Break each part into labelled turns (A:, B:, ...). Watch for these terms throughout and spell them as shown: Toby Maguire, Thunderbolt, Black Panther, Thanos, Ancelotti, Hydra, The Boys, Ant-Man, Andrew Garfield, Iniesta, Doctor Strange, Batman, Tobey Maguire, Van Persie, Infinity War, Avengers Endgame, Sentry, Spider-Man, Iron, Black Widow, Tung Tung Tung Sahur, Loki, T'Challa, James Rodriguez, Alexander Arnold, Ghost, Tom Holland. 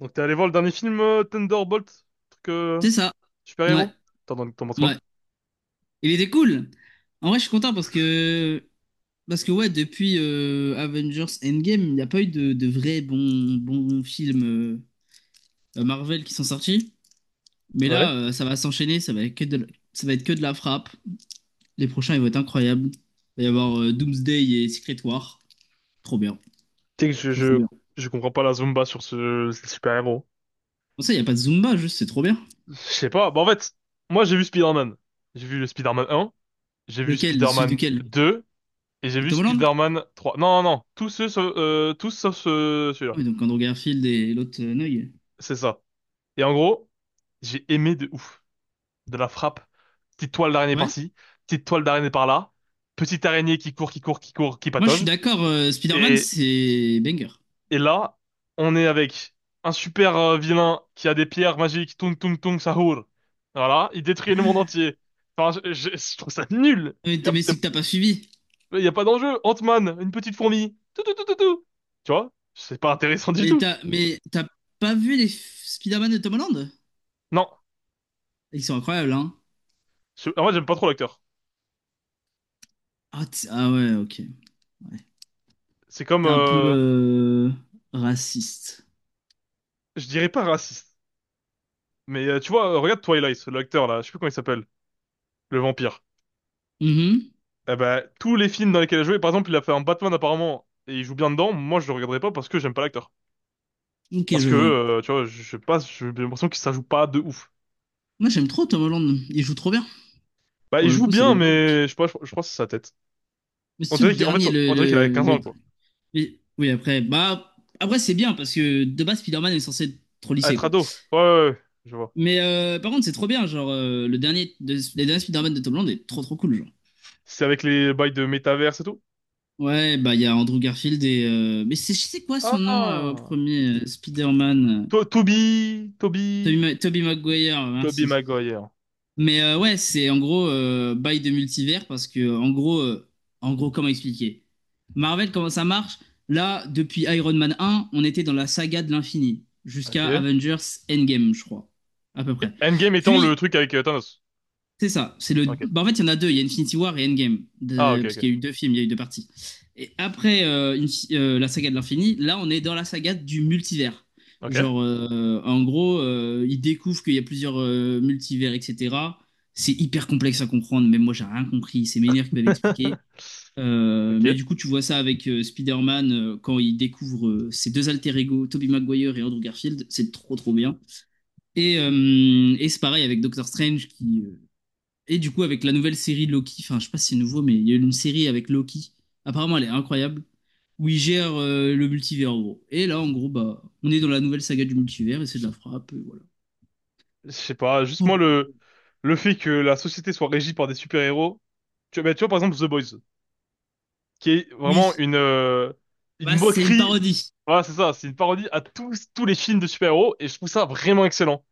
A: Donc t'es allé voir le dernier film Thunderbolt, truc
B: C'est ça. Ouais,
A: super-héros? T'en penses quoi?
B: ouais. Il était cool. En vrai, je suis content parce que ouais, depuis Avengers Endgame, il n'y a pas eu de vrais bons bons films Marvel qui sont sortis. Mais là,
A: Ouais.
B: ça va s'enchaîner, ça va être que de la frappe. Les prochains, ils vont être incroyables. Il va y avoir Doomsday et Secret War. Trop bien,
A: Tu sais que
B: trop trop
A: je,
B: bien.
A: je, je comprends pas la Zumba sur ce super-héros.
B: Pour ça, il n'y a pas de Zumba, juste c'est trop bien.
A: Je sais pas. Bah en fait, moi j'ai vu Spider-Man. J'ai vu le Spider-Man 1, j'ai vu
B: Lequel? Celui
A: Spider-Man
B: duquel?
A: 2 et j'ai
B: De
A: vu
B: Tom Holland?
A: Spider-Man 3. Non, non, non. Tous ceux, tous sauf celui-là.
B: Oui, donc Andrew Garfield et l'autre Noy.
A: C'est ça. Et en gros, j'ai aimé de ouf. De la frappe. Petite toile d'araignée
B: Ouais.
A: par-ci, petite toile d'araignée par-là. Petite araignée qui court, qui court, qui court, qui
B: Moi, je suis
A: patauge.
B: d'accord, Spider-Man,
A: Et
B: c'est banger.
A: Et là, on est avec un super vilain qui a des pierres magiques, Tung Tung Tung Sahur. Voilà, il détruit le monde entier. Enfin, je trouve ça nul.
B: Mais,
A: Il y a,
B: mais c'est que t'as pas suivi.
A: y a pas d'enjeu. Ant-Man, une petite fourmi. Tout, tout, tout, tout, tout. Tu vois? C'est pas intéressant du
B: Mais
A: tout.
B: t'as mais t'as pas vu les Spider-Man de Tom Holland?
A: Non.
B: Ils sont incroyables, hein?
A: En vrai, j'aime pas trop l'acteur.
B: Ah, ouais, ok. Ouais.
A: C'est comme,
B: T'es un peu raciste.
A: je dirais pas raciste. Mais tu vois, regarde Twilight, l'acteur là, je sais plus comment il s'appelle, le vampire.
B: Mhm.
A: Eh ben, tous les films dans lesquels il a joué, par exemple, il a fait un Batman apparemment, et il joue bien dedans, moi je le regarderai pas parce que j'aime pas l'acteur.
B: Ok,
A: Parce
B: je
A: que,
B: vois.
A: tu vois, je sais pas, j'ai l'impression que ça joue pas de ouf.
B: Moi, j'aime trop Tom Holland. Il joue trop bien.
A: Bah,
B: Pour
A: il
B: le
A: joue
B: coup, c'est
A: bien,
B: le GOAT.
A: mais je sais pas, je crois que c'est sa tête.
B: Mais c'est
A: On
B: tout le
A: dirait qu'il, en fait,
B: dernier, le,
A: on dirait qu'il a
B: le,
A: quinze ans,
B: le-
A: quoi.
B: le- Oui, après, bah. Après, c'est bien, parce que de base, Spider-Man est censé être trop
A: À
B: lissé,
A: être
B: quoi.
A: ado. Ouais, ouais, ouais, je vois.
B: Mais par contre, c'est trop bien, genre, le dernier, les derniers Spider-Man de Tom Holland est trop trop cool, genre.
A: C'est avec les bails de métaverse et tout?
B: Ouais, bah il y a Andrew Garfield et mais c'est quoi son nom au
A: Ah!
B: premier Spider-Man,
A: Toby, Toby,
B: Toby Tobey Maguire,
A: Toby
B: merci.
A: Maguire.
B: Mais ouais, c'est en gros bail de multivers parce que en gros comment expliquer? Marvel comment ça marche? Là, depuis Iron Man 1 on était dans la saga de l'infini
A: Ok.
B: jusqu'à
A: Et
B: Avengers Endgame, je crois, à peu près.
A: Endgame étant
B: Puis
A: le truc avec Thanos.
B: c'est ça.
A: Ok.
B: Bah, en fait, il y en a deux. Il y a Infinity War et Endgame.
A: Ah, ok,
B: Parce
A: ok.
B: qu'il y a eu deux films, il y a eu deux parties. Et après la saga de l'infini, là, on est dans la saga du multivers.
A: Ok.
B: Genre, en gros, ils découvrent qu'il y a plusieurs multivers, etc. C'est hyper complexe à comprendre. Même moi, j'ai rien compris. C'est mes nerfs qui m'avaient expliqué. Euh,
A: Ok.
B: mais du coup, tu vois ça avec Spider-Man quand il découvre ses deux alter ego, Tobey Maguire et Andrew Garfield. C'est trop, trop bien. Et c'est pareil avec Doctor Strange qui et du coup, avec la nouvelle série Loki, enfin, je sais pas si c'est nouveau, mais il y a eu une série avec Loki. Apparemment, elle est incroyable. Où il gère le multivers, en gros. Et là, en gros, bah, on est dans la nouvelle saga du multivers et c'est de la frappe. Et voilà.
A: Je sais pas, juste
B: Oh,
A: moi,
B: bah,
A: le fait que la société soit régie par des super-héros. Bah, tu vois, par exemple, The Boys, qui est vraiment
B: oui,
A: une
B: bah, c'est une
A: moquerie.
B: parodie.
A: Voilà, c'est ça, c'est une parodie à tous les films de super-héros et je trouve ça vraiment excellent.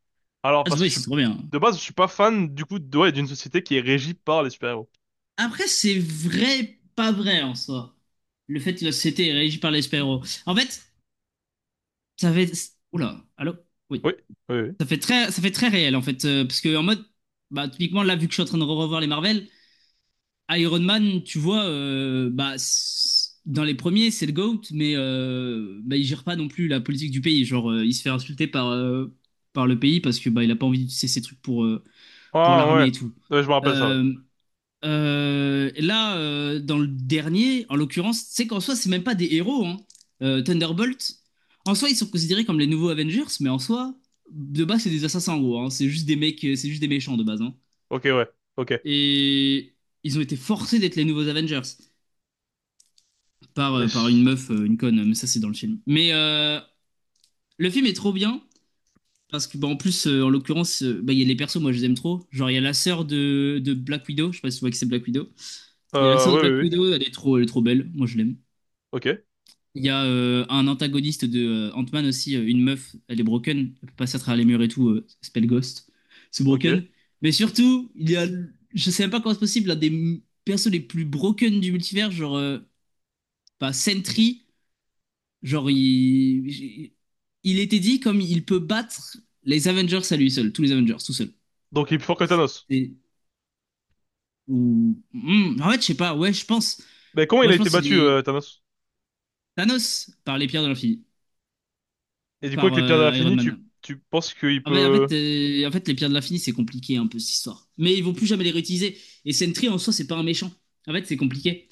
A: Alors
B: Ah, c'est
A: parce que je
B: vrai,
A: suis
B: c'est trop bien.
A: de base, je suis pas fan du coup de ouais, d'une société qui est régie par les super-héros.
B: Après, c'est vrai, pas vrai en soi. Le fait que la société est régie par les super-héros. En fait, ça fait. Oula, allô? Oui.
A: Oui, oui, oui.
B: Ça fait très réel, en fait. Parce que, en mode, bah, typiquement, là, vu que je suis en train de revoir les Marvel, Iron Man, tu vois, bah, dans les premiers, c'est le GOAT, mais bah, il gère pas non plus la politique du pays. Genre, il se fait insulter par le pays parce que bah, il a pas envie d'utiliser ses trucs pour
A: Ah
B: l'armée
A: ouais.
B: et tout.
A: Ouais, je me rappelle ça, ouais.
B: Euh, Là, dans le dernier, en l'occurrence, c'est qu'en soi, c'est même pas des héros, hein. Thunderbolt, en soi, ils sont considérés comme les nouveaux Avengers, mais en soi, de base, c'est des assassins, en gros, hein. C'est juste des mecs, c'est juste des méchants de base, hein.
A: OK, ouais. OK.
B: Et ils ont été forcés d'être les nouveaux Avengers. Par une meuf, une conne, mais ça c'est dans le film. Mais le film est trop bien, parce que bah, en plus, en l'occurrence, bah, il y a les persos, moi je les aime trop. Genre il y a la sœur de Black Widow, je sais pas si tu vois que c'est Black Widow. Il y a la sœur de
A: Oui,
B: Black
A: oui, oui.
B: Widow, elle est trop belle, moi je l'aime.
A: OK.
B: Il y a un antagoniste de Ant-Man aussi, une meuf, elle est broken, elle peut passer à travers les murs et tout, elle s'appelle Ghost, c'est
A: OK.
B: broken. Mais surtout, il y a, je sais même pas comment c'est possible, l'un des persos les plus broken du multivers, genre bah, Sentry. Genre, il était dit comme il peut battre les Avengers à lui seul, tous les Avengers, tout seul.
A: Donc il est plus fort que Thanos.
B: Et, ou, en fait, je sais pas, ouais, je pense.
A: Mais comment il
B: Moi,
A: a
B: je
A: été
B: pense qu'il
A: battu
B: est
A: Thanos?
B: Thanos par les pierres de l'infini,
A: Et du coup
B: par
A: avec les pierres de
B: Iron
A: l'infini, tu
B: Man.
A: tu penses qu'il
B: Ah ouais, en
A: peut.
B: fait, euh, en fait, les pierres de l'infini, c'est compliqué un peu cette histoire. Mais ils vont plus jamais les réutiliser. Et Sentry en soi, c'est pas un méchant. En fait, c'est compliqué.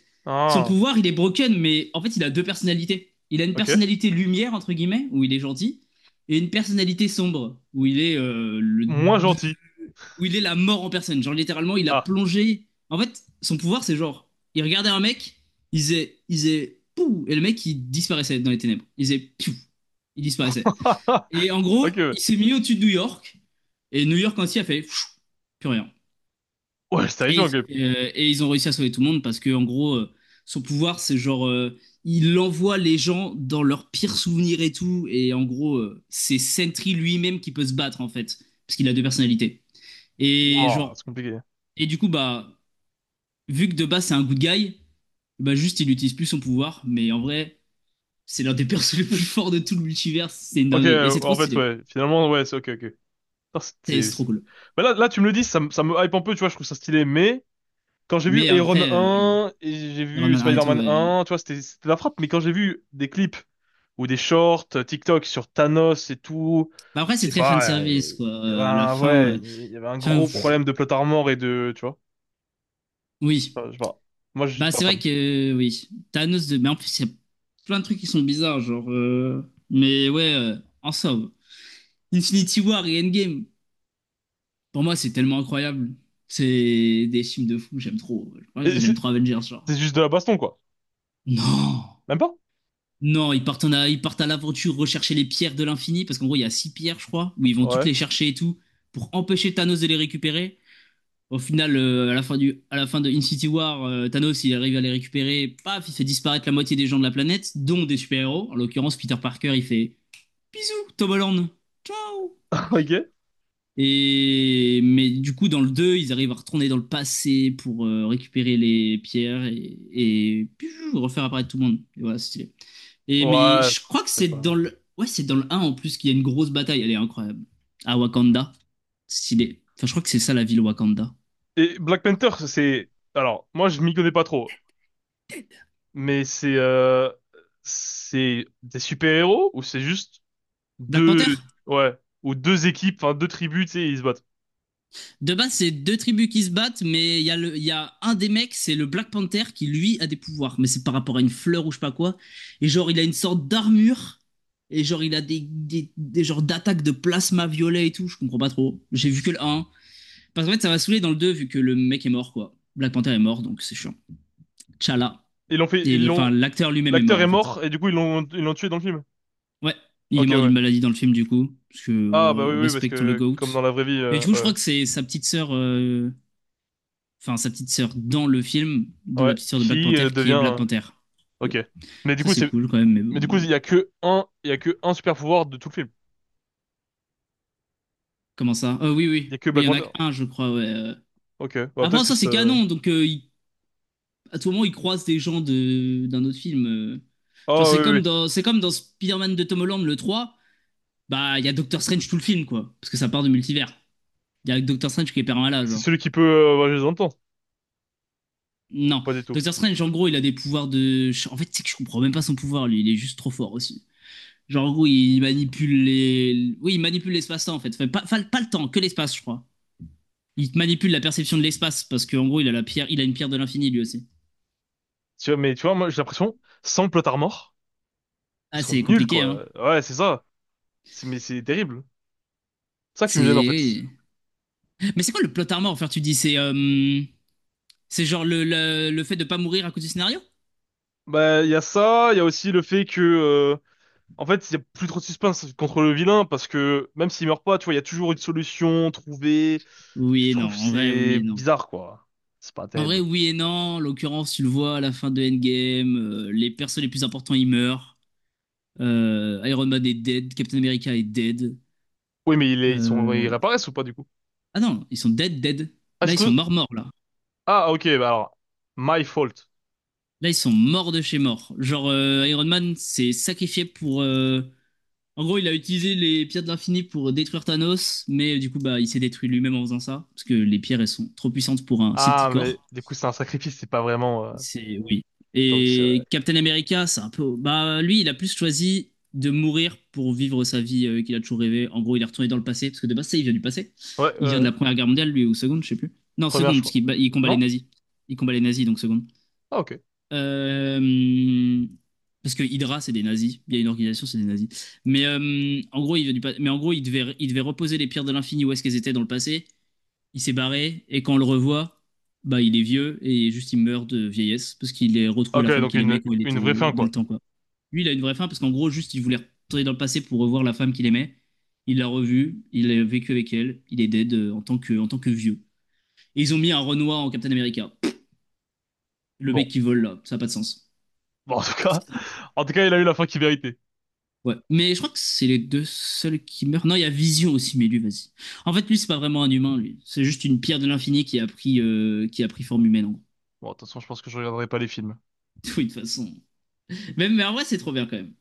B: Son
A: Ah,
B: pouvoir, il est broken, mais en fait, il a deux personnalités. Il a une
A: OK.
B: personnalité lumière, entre guillemets, où il est gentil, et une personnalité sombre,
A: Moins gentil.
B: où il est la mort en personne. Genre, littéralement, il a
A: Ah.
B: plongé. En fait, son pouvoir, c'est genre, il regardait un mec, il faisait, pouh, et le mec, il disparaissait dans les ténèbres. Il faisait, piou, il disparaissait. Et en gros,
A: OK, ouais.
B: il s'est mis au-dessus de New York. Et New York entier a fait pfiou, plus rien.
A: Ouais, c'est
B: Et,
A: terrifiant,
B: il s'est
A: ok.
B: fait, euh, et ils ont réussi à sauver tout le monde parce que, en gros, son pouvoir, c'est genre, il envoie les gens dans leurs pires souvenirs et tout. Et en gros, c'est Sentry lui-même qui peut se battre, en fait, parce qu'il a deux personnalités. Et
A: Wow, c'est
B: genre,
A: compliqué.
B: et du coup, bah, vu que de base, c'est un good guy, bah, juste, il utilise plus son pouvoir. Mais en vrai, c'est l'un des persos les plus forts de tout le multivers. C'est une
A: Ok,
B: dinguerie. Et c'est trop
A: en fait,
B: stylé.
A: ouais. Finalement, ouais, c'est ok, ok. Putain,
B: C'est trop cool.
A: Bah là, tu me le dis, ça me hype un peu, tu vois, je trouve ça stylé, mais quand j'ai vu
B: Mais
A: Iron
B: après, oui.
A: 1 et j'ai
B: Iron
A: vu
B: Man 1 et tout,
A: Spider-Man
B: ouais.
A: 1, tu vois, c'était la frappe, mais quand j'ai vu des clips ou des shorts TikTok sur Thanos et tout,
B: Bah, après, c'est
A: je sais
B: très fan
A: pas,
B: service, quoi.
A: il y avait
B: La fin.
A: ouais, il y avait un
B: Fin,
A: gros
B: pff,
A: problème de plot armor et de, tu vois, je sais
B: oui.
A: pas, je sais pas. Moi, je suis
B: Bah,
A: pas
B: c'est vrai
A: fan.
B: que, oui. Thanos de. Mais en plus, il y a plein de trucs qui sont bizarres, genre. Mais ouais, en somme. Infinity War et Endgame. Pour moi, c'est tellement incroyable. C'est des films de fou, j'aime trop. Je crois que
A: Et
B: j'aime
A: c'est
B: trop Avengers, genre.
A: c'est juste de la baston, quoi.
B: Non!
A: Même pas?
B: Non, ils partent, ils partent à l'aventure rechercher les pierres de l'infini, parce qu'en gros, il y a six pierres, je crois, où ils vont toutes
A: Ouais.
B: les chercher et tout, pour empêcher Thanos de les récupérer. Au final, à la fin à la fin de Infinity War, Thanos, il arrive à les récupérer. Paf, il fait disparaître la moitié des gens de la planète, dont des super-héros. En l'occurrence, Peter Parker, il fait bisous, Tom Holland, ciao.
A: Ok.
B: Et mais du coup, dans le 2, ils arrivent à retourner dans le passé pour récupérer les pierres et piou, refaire apparaître tout le monde. Et voilà, c'est stylé. Et mais
A: Ouais,
B: je crois que
A: je sais
B: c'est dans
A: pas.
B: le, ouais, c'est dans le un en plus qu'il y a une grosse bataille. Elle est incroyable. À Wakanda, stylé. Enfin, je crois que c'est ça la ville Wakanda.
A: Et Black Panther, c'est... Alors, moi, je m'y connais pas trop, mais c'est des super-héros ou c'est juste
B: Black
A: deux...
B: Panther?
A: Ouais, ou deux équipes, enfin deux tribus, tu sais, ils se battent.
B: De base, c'est deux tribus qui se battent, mais il y a un des mecs, c'est le Black Panther, qui lui a des pouvoirs, mais c'est par rapport à une fleur ou je sais pas quoi. Et genre, il a une sorte d'armure, et genre, il a des genres d'attaques de plasma violet et tout, je comprends pas trop. J'ai vu que le un. Parce qu'en fait, ça va saouler dans le 2 vu que le mec est mort, quoi. Black Panther est mort, donc c'est chiant. T'Challa.
A: Ils
B: Et
A: l'ont...
B: enfin, l'acteur lui-même est mort,
A: L'acteur est
B: en fait.
A: mort et du coup, ils l'ont tué dans le film.
B: Ouais, il est
A: Ok,
B: mort
A: ouais.
B: d'une maladie dans le film, du coup, parce que
A: Ah, bah oui, oui, parce
B: respectons le
A: que
B: GOAT.
A: comme dans la vraie vie,
B: Et du coup, je
A: ouais.
B: crois que c'est sa petite sœur. Enfin sa petite sœur dans le film de la
A: Ouais,
B: petite sœur de Black
A: qui
B: Panther qui
A: devient...
B: est Black
A: euh.
B: Panther.
A: Ok. Mais du
B: Ça
A: coup,
B: c'est
A: c'est...
B: cool quand même, mais
A: Mais du
B: bon.
A: coup, Il y a que un super-pouvoir de tout le film.
B: Comment ça Ah Oui,
A: Il y a
B: oui,
A: que
B: oui, il
A: Black
B: y en a
A: Panther.
B: qu'un, je crois. ouais.
A: Ok, bah
B: Après
A: peut-être que
B: ça c'est canon, donc à tout moment ils croisent des gens de d'un autre film. Genre
A: Ah oui,
B: c'est
A: oui, oui.
B: comme dans c'est comme dans Spider-Man de Tom Holland le 3 bah il y a Doctor Strange tout le film quoi, parce que ça part de multivers. Il y a Doctor Strange qui est permanent
A: C'est
B: genre.
A: celui qui peut... voyager dans le temps.
B: Non,
A: Pas du tout.
B: Doctor Strange en gros il a des pouvoirs de. En fait c'est que je comprends même pas son pouvoir lui, il est juste trop fort aussi. Genre, en gros, il manipule les. Oui, il manipule l'espace-temps, en fait. Enfin, pas, pas le temps, que l'espace, je crois. Il manipule la perception de l'espace, parce qu'en gros, il a la pierre, il a une pierre de l'infini, lui aussi.
A: Tu vois, moi, j'ai l'impression, sans le Plotard mort, ils
B: Ah,
A: sont
B: c'est
A: nuls,
B: compliqué, hein.
A: quoi. Ouais, c'est ça. C'est, mais c'est terrible. C'est ça qui me gêne, en fait.
B: C'est. Oui. Mais c'est quoi le plot armor, enfin, tu dis c'est c'est genre le fait de pas mourir à cause du scénario?
A: Bah, il y a ça, il y a aussi le fait que, en fait, il y a plus trop de suspense contre le vilain, parce que même s'il meurt pas, tu vois, il y a toujours une solution trouvée. Je
B: Oui et non,
A: trouve que
B: en vrai, oui
A: c'est
B: et non.
A: bizarre, quoi. C'est pas
B: En vrai,
A: terrible.
B: oui et non. En l'occurrence, tu le vois à la fin de Endgame, les persos les plus importants, ils meurent. Iron Man est dead, Captain America est dead.
A: Oui, mais ils sont, ils
B: Euh,
A: réapparaissent ou pas, du coup?
B: Ah non, ils sont dead, dead.
A: Ah,
B: Là,
A: c'est
B: ils sont
A: tout-
B: morts, morts, là.
A: ah, ok, bah alors, my fault.
B: Là, ils sont morts de chez morts. Genre, Iron Man s'est sacrifié pour. En gros, il a utilisé les pierres de l'infini pour détruire Thanos, mais du coup, bah, il s'est détruit lui-même en faisant ça, parce que les pierres, elles sont trop puissantes pour un si petit
A: Ah, mais
B: corps.
A: du coup, c'est un sacrifice, c'est pas vraiment,
B: C'est. Oui.
A: donc c'est,
B: Et
A: ouais,
B: Captain America, c'est un peu. Bah, lui, il a plus choisi de mourir pour vivre sa vie qu'il a toujours rêvé. En gros, il est retourné dans le passé, parce que de base, ça, il vient du passé.
A: ouais,
B: Il vient de
A: ouais.
B: la Première Guerre mondiale, lui, ou seconde, je sais plus. Non,
A: Première, je
B: seconde, parce
A: crois.
B: qu'il il combat les
A: Non.
B: nazis. Il combat les nazis, donc seconde.
A: Ah, ok.
B: Euh, Parce que Hydra, c'est des nazis. Il y a une organisation, c'est des nazis. Mais en gros, il devait reposer les pierres de l'infini où est-ce qu'elles étaient dans le passé. Il s'est barré et quand on le revoit, bah il est vieux et juste il meurt de vieillesse parce qu'il a retrouvé
A: Ok,
B: la femme
A: donc
B: qu'il aimait quand il
A: une vraie
B: était
A: fin,
B: dans le
A: quoi.
B: temps quoi. Lui, il a une vraie fin parce qu'en gros, juste il voulait retourner dans le passé pour revoir la femme qu'il aimait. Il l'a revue, il a vécu avec elle, il est dead en tant que vieux. Et ils ont mis un Renoir en Captain America. Le
A: Bon.
B: mec qui vole là, ça n'a pas de sens.
A: Bon, en tout cas, il a eu la fin qu'il méritait.
B: Ouais, mais je crois que c'est les deux seuls qui meurent. Non, il y a Vision aussi, mais lui, vas-y. En fait, lui, c'est pas vraiment un humain, lui. C'est juste une pierre de l'infini qui a pris forme humaine, en gros.
A: Bon, de toute façon, je pense que je regarderai pas les films.
B: Oui, de toute façon. Même, mais en vrai, c'est trop bien quand même.